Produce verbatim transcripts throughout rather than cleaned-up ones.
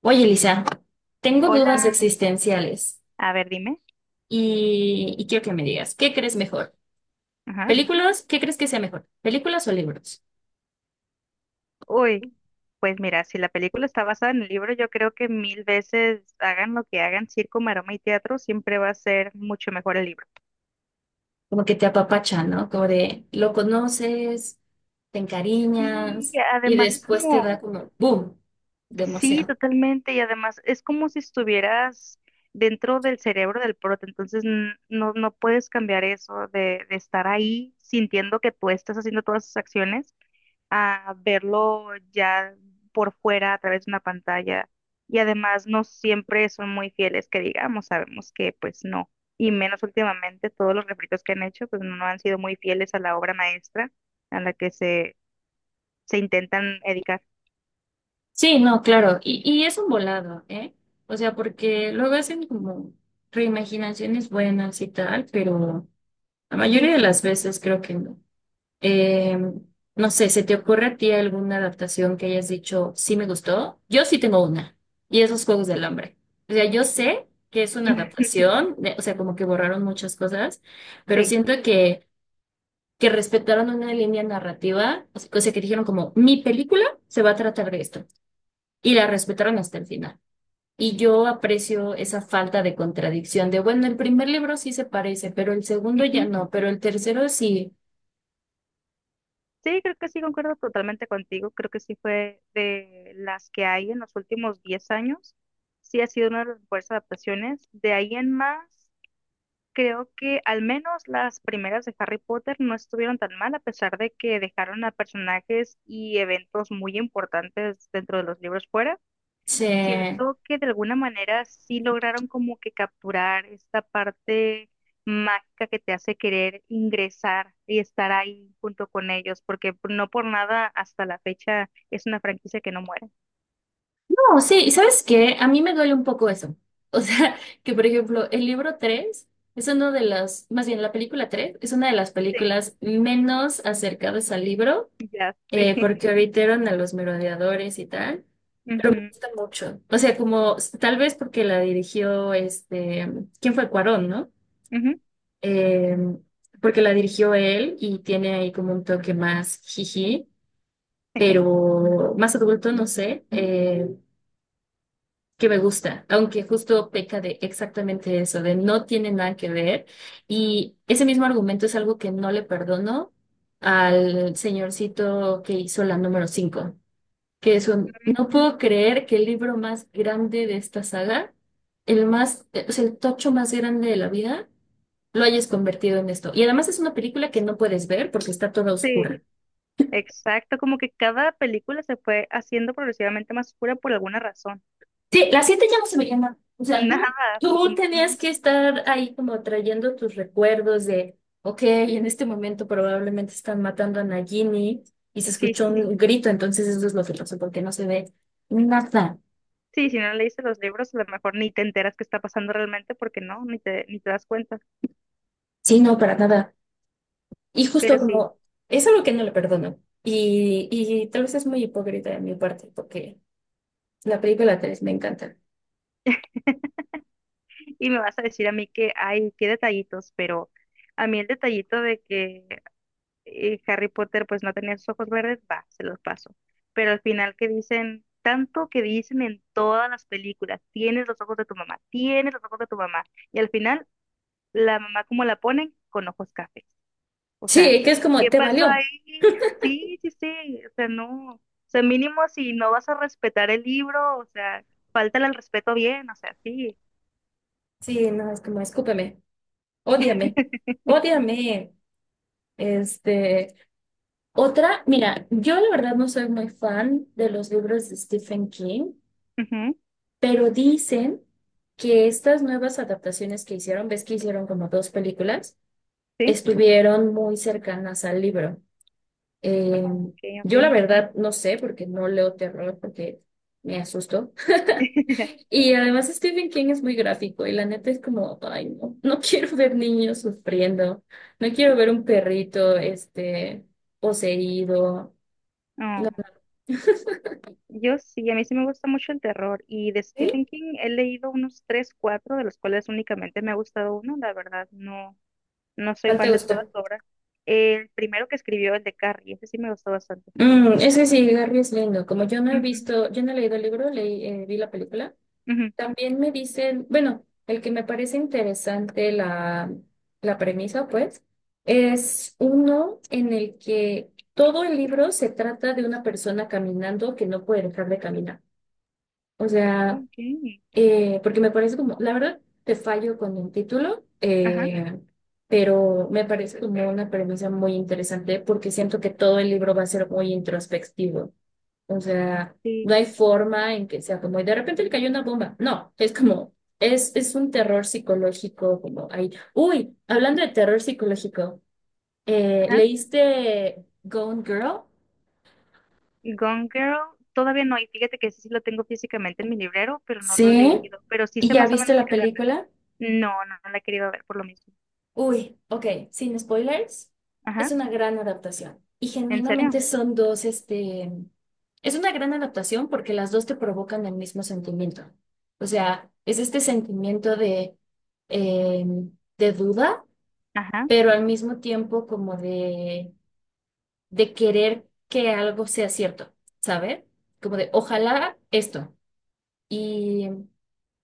Oye, Elisa, tengo Hola, dudas existenciales a ver, dime. y, y quiero que me digas, ¿qué crees mejor? Ajá. ¿Películas? ¿Qué crees que sea mejor? ¿Películas o libros? Uy, pues mira, si la película está basada en el libro, yo creo que mil veces hagan lo que hagan, circo, maroma y teatro, siempre va a ser mucho mejor el libro. Como que te apapachan, ¿no? Como de lo conoces, te Sí, encariñas y además es después te como, da como boom de sí, emoción. totalmente, y además es como si estuvieras dentro del cerebro del prota, entonces n- no, no puedes cambiar eso de, de estar ahí sintiendo que tú estás haciendo todas esas acciones a verlo ya por fuera a través de una pantalla. Y además no siempre son muy fieles, que digamos, sabemos que pues no. Y menos últimamente, todos los refritos que han hecho pues no no han sido muy fieles a la obra maestra a la que se, se intentan dedicar. Sí, no, claro, y, y es un volado, ¿eh? O sea, porque luego hacen como reimaginaciones buenas y tal, pero la mayoría Sí, de las veces creo que no. Eh, no sé, ¿se te ocurre a ti alguna adaptación que hayas dicho, sí me gustó? Yo sí tengo una, y esos Juegos del Hambre. O sea, yo sé que es una adaptación, de- o sea, como que borraron muchas cosas, pero sí. siento que, que respetaron una línea narrativa, o sea, cosa que dijeron como, mi película se va a tratar de esto, y la respetaron hasta el final. Y yo aprecio esa falta de contradicción de, bueno, el primer libro sí se parece, pero el segundo ya Ujú. no, pero el tercero sí Sí, creo que sí, concuerdo totalmente contigo. Creo que sí fue de las que hay en los últimos diez años. Sí ha sido una de las mejores adaptaciones. De ahí en más, creo que al menos las primeras de Harry Potter no estuvieron tan mal, a pesar de que dejaron a personajes y eventos muy importantes dentro de los libros fuera. se... Siento que de alguna manera sí lograron como que capturar esta parte mágica que te hace querer ingresar y estar ahí junto con ellos, porque no por nada hasta la fecha es una franquicia que no muere. No, sí, ¿y sabes qué? A mí me duele un poco eso. O sea, que por ejemplo, el libro tres es uno de las, más bien la película tres es una de las Sí, películas menos acercadas al libro, ya sé. eh, porque evitaron a los merodeadores y tal, pero me Ujú, gusta mucho. O sea, como s- tal vez porque la dirigió este, ¿quién fue Cuarón, no? ujú, Eh, Porque la dirigió él y tiene ahí como un toque más jiji, pero más adulto, no sé. Eh, que me gusta, aunque justo peca de exactamente eso, de no tiene nada que ver. Y ese mismo argumento es algo que no le perdono al señorcito que hizo la número cinco, que es un, ujú. no puedo creer que el libro más grande de esta saga, el más, eh, o sea, el tocho más grande de la vida, lo hayas convertido en esto. Y además es una película que no puedes ver porque está toda Sí. oscura. Exacto, como que cada película se fue haciendo progresivamente más oscura por alguna razón. Sí, las siete ya no se veía nada. O sea, tú, Nada, tú afortunadamente, tenías no. que estar ahí como trayendo tus recuerdos de, ok, en este momento probablemente están matando a Nagini y se Sí, sí, escuchó sí. un grito, entonces eso es lo que pasó, porque no se ve nada. Sí, si no leíste los libros, a lo mejor ni te enteras qué está pasando realmente porque no, ni te, ni te das cuenta. Sí, no, para nada. Y Pero justo sí, como, es algo que no le perdono. Y, y tal vez es muy hipócrita de mi parte, porque la película tres me encanta. y me vas a decir a mí que hay, qué detallitos, pero a mí el detallito de que eh, Harry Potter pues no tenía sus ojos verdes, va, se los paso. Pero al final que dicen, tanto que dicen en todas las películas, tienes los ojos de tu mamá, tienes los ojos de tu mamá. Y al final la mamá como la ponen con ojos cafés. O sea, Sí, que es como, ¿qué te pasó valió. ahí? Sí, sí, sí, o sea, no, o sea, mínimo si no vas a respetar el libro, o sea, falta el respeto bien, o sea, sí. Sí, no, es como, escúpeme, ódiame, ódiame. Este, Otra, mira, yo la verdad no soy muy fan de los libros de Stephen King, Ujú, pero dicen que estas nuevas adaptaciones que hicieron, ves que hicieron como dos películas, sí, estuvieron muy cercanas al libro. Eh, ok, yo la ok. verdad no sé porque no leo terror porque me asusto. Y además Stephen King es muy gráfico y la neta es como, ay, no, no quiero ver niños sufriendo, no quiero ver un perrito, este, poseído. No, Oh, yo sí, a mí sí me gusta mucho el terror y de ¿sí? Stephen King he leído unos tres, cuatro, de los cuales únicamente me ha gustado uno, la verdad, no, no soy ¿Cuál te fan de todas gustó? sus obras. El primero que escribió, el de Carrie, ese sí me gustó bastante. Mm, es que sí, Garry es lindo. Como yo no he Ujú, visto, yo no he leído el libro, leí, eh, vi la película. ujú. También me dicen, bueno, el que me parece interesante la, la premisa, pues, es uno en el que todo el libro se trata de una persona caminando que no puede dejar de caminar. O sea, Ok. Ok. eh, porque me parece como, la verdad, te fallo con el título, Ajá, eh, pero me parece como una premisa muy interesante porque siento que todo el libro va a ser muy introspectivo. O sea, sí. no hay forma en que sea como, y de repente le cayó una bomba. No, es como, es, es un terror psicológico, como ahí. Uy, hablando de terror psicológico, eh, Ajá. ¿leíste Gone Girl? Gone Girl, todavía no. Y fíjate que ese sí lo tengo físicamente en mi librero, pero no lo he Sí. leído. Pero sí ¿Y sé ya más o viste menos de la qué trata. película? No, no, no la he querido ver por lo mismo. Uy, ok, sin spoilers, es Ajá, una gran adaptación. Y ¿en serio? genuinamente son dos, este, es una gran adaptación porque las dos te provocan el mismo sentimiento. O sea, es este sentimiento de, eh, de duda, Ajá, pero al mismo tiempo como de, de querer que algo sea cierto, ¿sabe? Como de, ojalá esto. Y,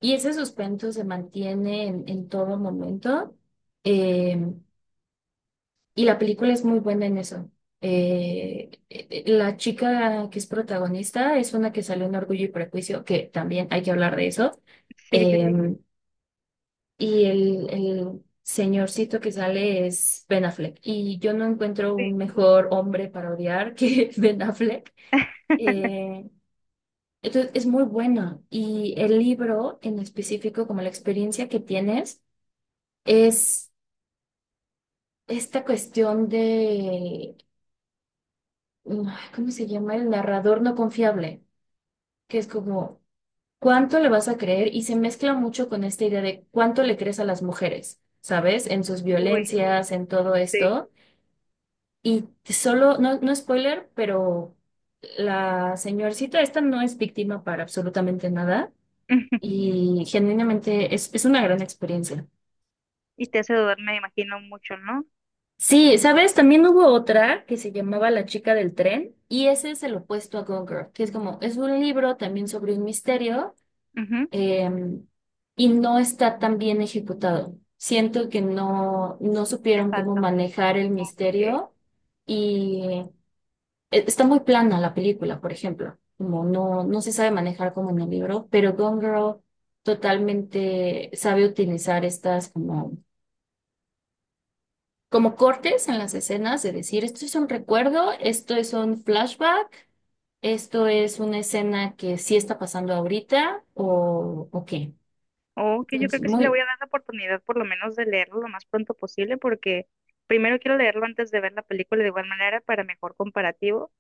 y ese suspenso se mantiene en, en todo momento. Em, Y la película es muy buena en eso. Eh, eh, la chica que es protagonista es una que salió en Orgullo y Prejuicio, que también hay que hablar de eso. sí, sí, sí. Eh, y el, el señorcito que sale es Ben Affleck. Y yo no encuentro Uy, un mejor hombre para odiar que Ben Affleck. Eh, entonces es muy bueno. Y el libro en específico, como la experiencia que tienes, es esta cuestión de mm, ay, ¿cómo se llama? El narrador no confiable, que es como, ¿cuánto le vas a creer? Y se mezcla mucho con esta idea de cuánto le crees a las mujeres, ¿sabes? En sus uy, violencias, en todo sí. esto. Y solo, no, no spoiler, pero la señorcita esta no es víctima para absolutamente nada y genuinamente es, es una gran experiencia. Y te hace dudar, me imagino, mucho, ¿no? Sí, ¿sabes? También hubo otra que se llamaba La chica del tren y ese es el opuesto a Gone Girl, que es como, es un libro también sobre un misterio Ujú. eh, y no está tan bien ejecutado. Siento que no, no Le supieron cómo falta. manejar el Ok. misterio y eh, está muy plana la película, por ejemplo. Como no, no se sabe manejar como en el libro, pero Gone Girl totalmente sabe utilizar estas como, como cortes en las escenas, de decir, esto es un recuerdo, esto es un flashback, esto es una escena que sí está pasando ahorita o, o qué. Ok, yo Entonces, creo que sí le muy, voy a dar la oportunidad por lo menos de leerlo lo más pronto posible porque primero quiero leerlo antes de ver la película de igual manera para mejor comparativo.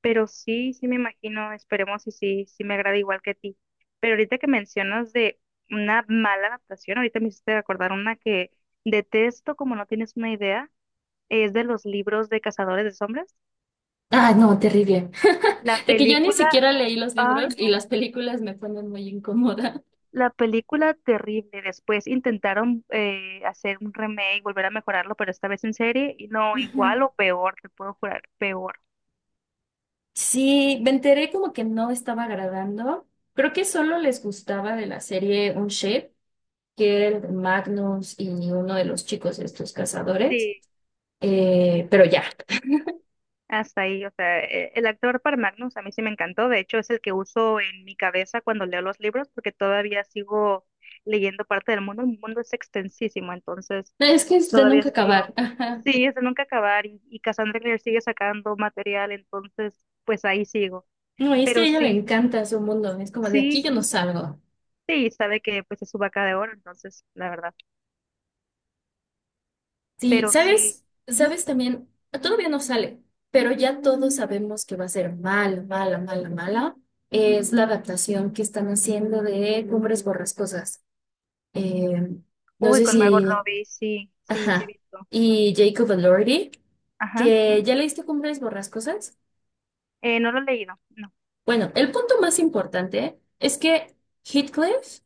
Pero sí, sí me imagino, esperemos y sí, sí me agrada igual que a ti. Pero ahorita que mencionas de una mala adaptación, ahorita me hiciste acordar una que detesto, como no tienes una idea, es de los libros de Cazadores de Sombras. Ah, no, terrible. La De que yo ni película, siquiera leí los ay libros no, y las películas me ponen muy incómoda. la película terrible. Después intentaron eh, hacer un remake, volver a mejorarlo, pero esta vez en serie, y no, Ujú. igual o peor, te puedo jurar, peor. Sí, me enteré como que no estaba agradando. Creo que solo les gustaba de la serie Un Shape, que era de Magnus y uno de los chicos estos cazadores. Eh, pero ya, Hasta ahí, o sea, e- el actor para Magnus a mí sí me encantó, de hecho es el que uso en mi cabeza cuando leo los libros porque todavía sigo leyendo parte del mundo, el mundo es extensísimo, entonces no, es que es de todavía nunca sigo. acabar. Ajá. Sí, es de nunca acabar y, y Cassandra Clare sigue sacando material, entonces pues ahí sigo. No, y es que a Pero ella le sí, encanta su mundo. Es como de aquí yo sí, no salgo. sí, sabe que pues es su vaca de oro, entonces la verdad, Sí, pero sí. ¿sabes? Ujú. ¿Sabes también? Todavía no sale, pero ya todos sabemos que va a ser mala, mala, mala, mala. Es la adaptación que están haciendo de Cumbres Borrascosas. Eh, no Uy, sé con Margot si... Robbie, sí, sí, sí he Ajá. visto. Y Jacob Elordi, Ajá, que ya leíste Cumbres Borrascosas. eh, no lo he leído, no. Bueno, el punto más importante es que Heathcliff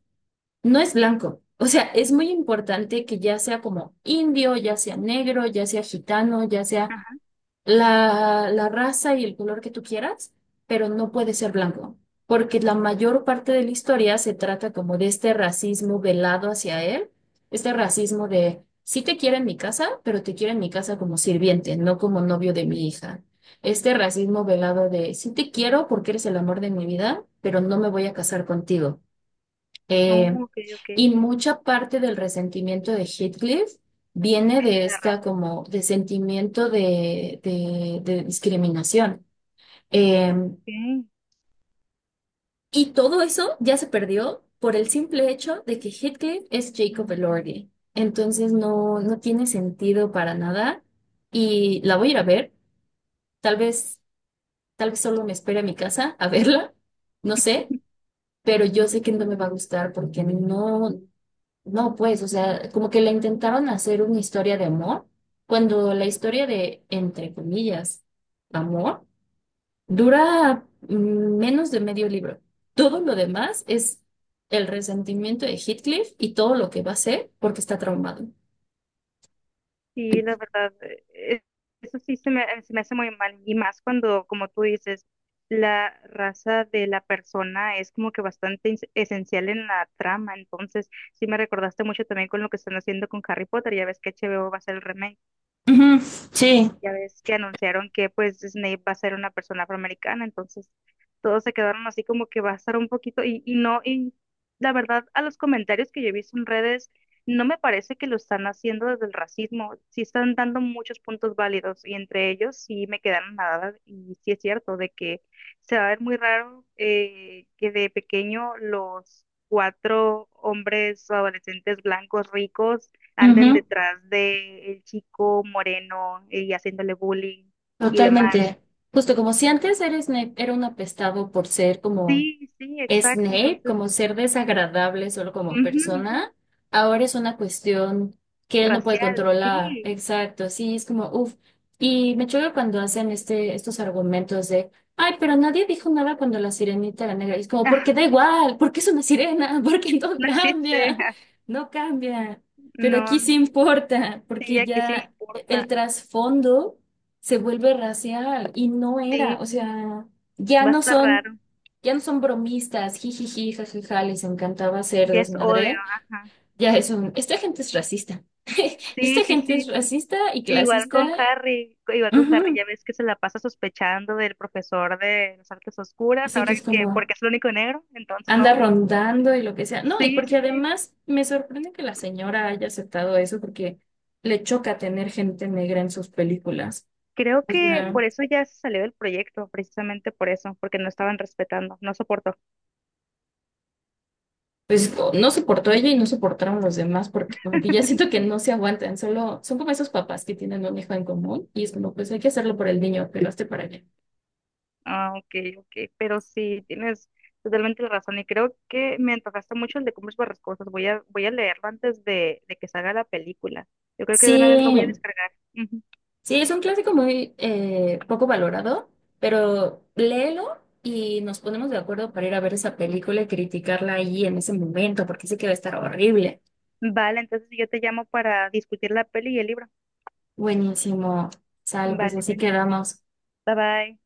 no es blanco. O sea, es muy importante que ya sea como indio, ya sea negro, ya sea gitano, ya sea Ajá, la, la raza y el color que tú quieras, pero no puede ser blanco, porque la mayor parte de la historia se trata como de este racismo velado hacia él, este racismo de, sí te quiero en mi casa, pero te quiero en mi casa como sirviente, no como novio de mi hija. Este racismo velado de, sí te quiero porque eres el amor de mi vida, pero no me voy a casar contigo. oh, Eh, ok, ok. y mucha parte del resentimiento de Heathcliff viene Tiene de la esta razón. como de sentimiento de, de- de discriminación. Eh, Sí, y todo eso ya se perdió por el simple hecho de que Heathcliff es Jacob Elordi. Entonces no, no tiene sentido para nada. Y la voy a ir a ver. Tal vez, tal vez solo me espere a mi casa a verla. No sé. Pero yo sé que no me va a gustar porque no. No, pues, o sea, como que le intentaron hacer una historia de amor, cuando la historia de, entre comillas, amor, dura mm, menos de medio libro. Todo lo demás es el resentimiento de Heathcliff y todo lo que va a ser porque está traumado. sí, la verdad, eh, eso sí se me, se me hace muy mal. Y más cuando, como tú dices, la raza de la persona es como que bastante ins- esencial en la trama. Entonces, sí me recordaste mucho también con lo que están haciendo con Harry Potter. Ya ves que H B O va a hacer el remake. Ujú, sí, Ya ves que anunciaron que pues Snape va a ser una persona afroamericana, entonces todos se quedaron así como que va a estar un poquito y, y no, y la verdad a los comentarios que yo he visto en redes, no me parece que lo están haciendo desde el racismo, sí están dando muchos puntos válidos y entre ellos sí me quedaron nada y sí es cierto de que se va a ver muy raro eh, que de pequeño los cuatro hombres adolescentes blancos ricos anden ujú, detrás de el chico moreno eh, y haciéndole bullying y demás. totalmente. Justo como si antes eres ne- era un apestado por ser como Sí, sí, exacto. Snape Entonces, como ser desagradable solo como ujú, persona, ahora es una cuestión que él no puede racial, controlar. sí. Exacto, sí, es como, uff. Y me choca cuando hacen este, estos argumentos de, ay, pero nadie dijo nada cuando la sirenita era negra. Y es como, Ah, porque da igual, porque es una sirena, porque no no existe. cambia, Ah, no cambia. Pero no, aquí sí importa, sí, porque aquí sí ya el importa. trasfondo se vuelve racial y no era, Sí, o sea, ya va a no estar son. raro. Ya no son bromistas, jijiji, jajaja, les encantaba hacer Ya es odio, desmadre. ajá. Ya es un, esta gente es racista. Sí, Esta sí, gente es sí. racista y Igual clasista. con Harry, igual con Harry, Ujú. ya ves que se la pasa sospechando del profesor de las artes oscuras, Ese que ahora es que como porque es el único negro, entonces anda no. rondando y lo que sea. No, y Sí, sí, porque sí. además me sorprende que la señora haya aceptado eso porque le choca tener gente negra en sus películas. Creo O que sea, por eso ya se salió del proyecto, precisamente por eso, porque no estaban respetando, no soportó. pues o- no soportó ella y no soportaron los demás porque como que ya siento que no se aguantan, solo son como esos papás que tienen un hijo en común y es como, pues hay que hacerlo por el niño, que lo esté para allá. Ah, ok, ok, pero sí, tienes totalmente la razón y creo que me antojaste mucho el de Cumbres Borrascosas. Voy a, voy a leerlo antes de, de que salga la película. Yo creo que Sí, de una vez lo voy a descargar. Ujú. sí, es un clásico muy eh, poco valorado, pero léelo y nos ponemos de acuerdo para ir a ver esa película y criticarla ahí en ese momento, porque sé que va a estar horrible. Vale, entonces yo te llamo para discutir la peli y el libro. Buenísimo. Sale, pues Vale, así pues, quedamos. bye bye.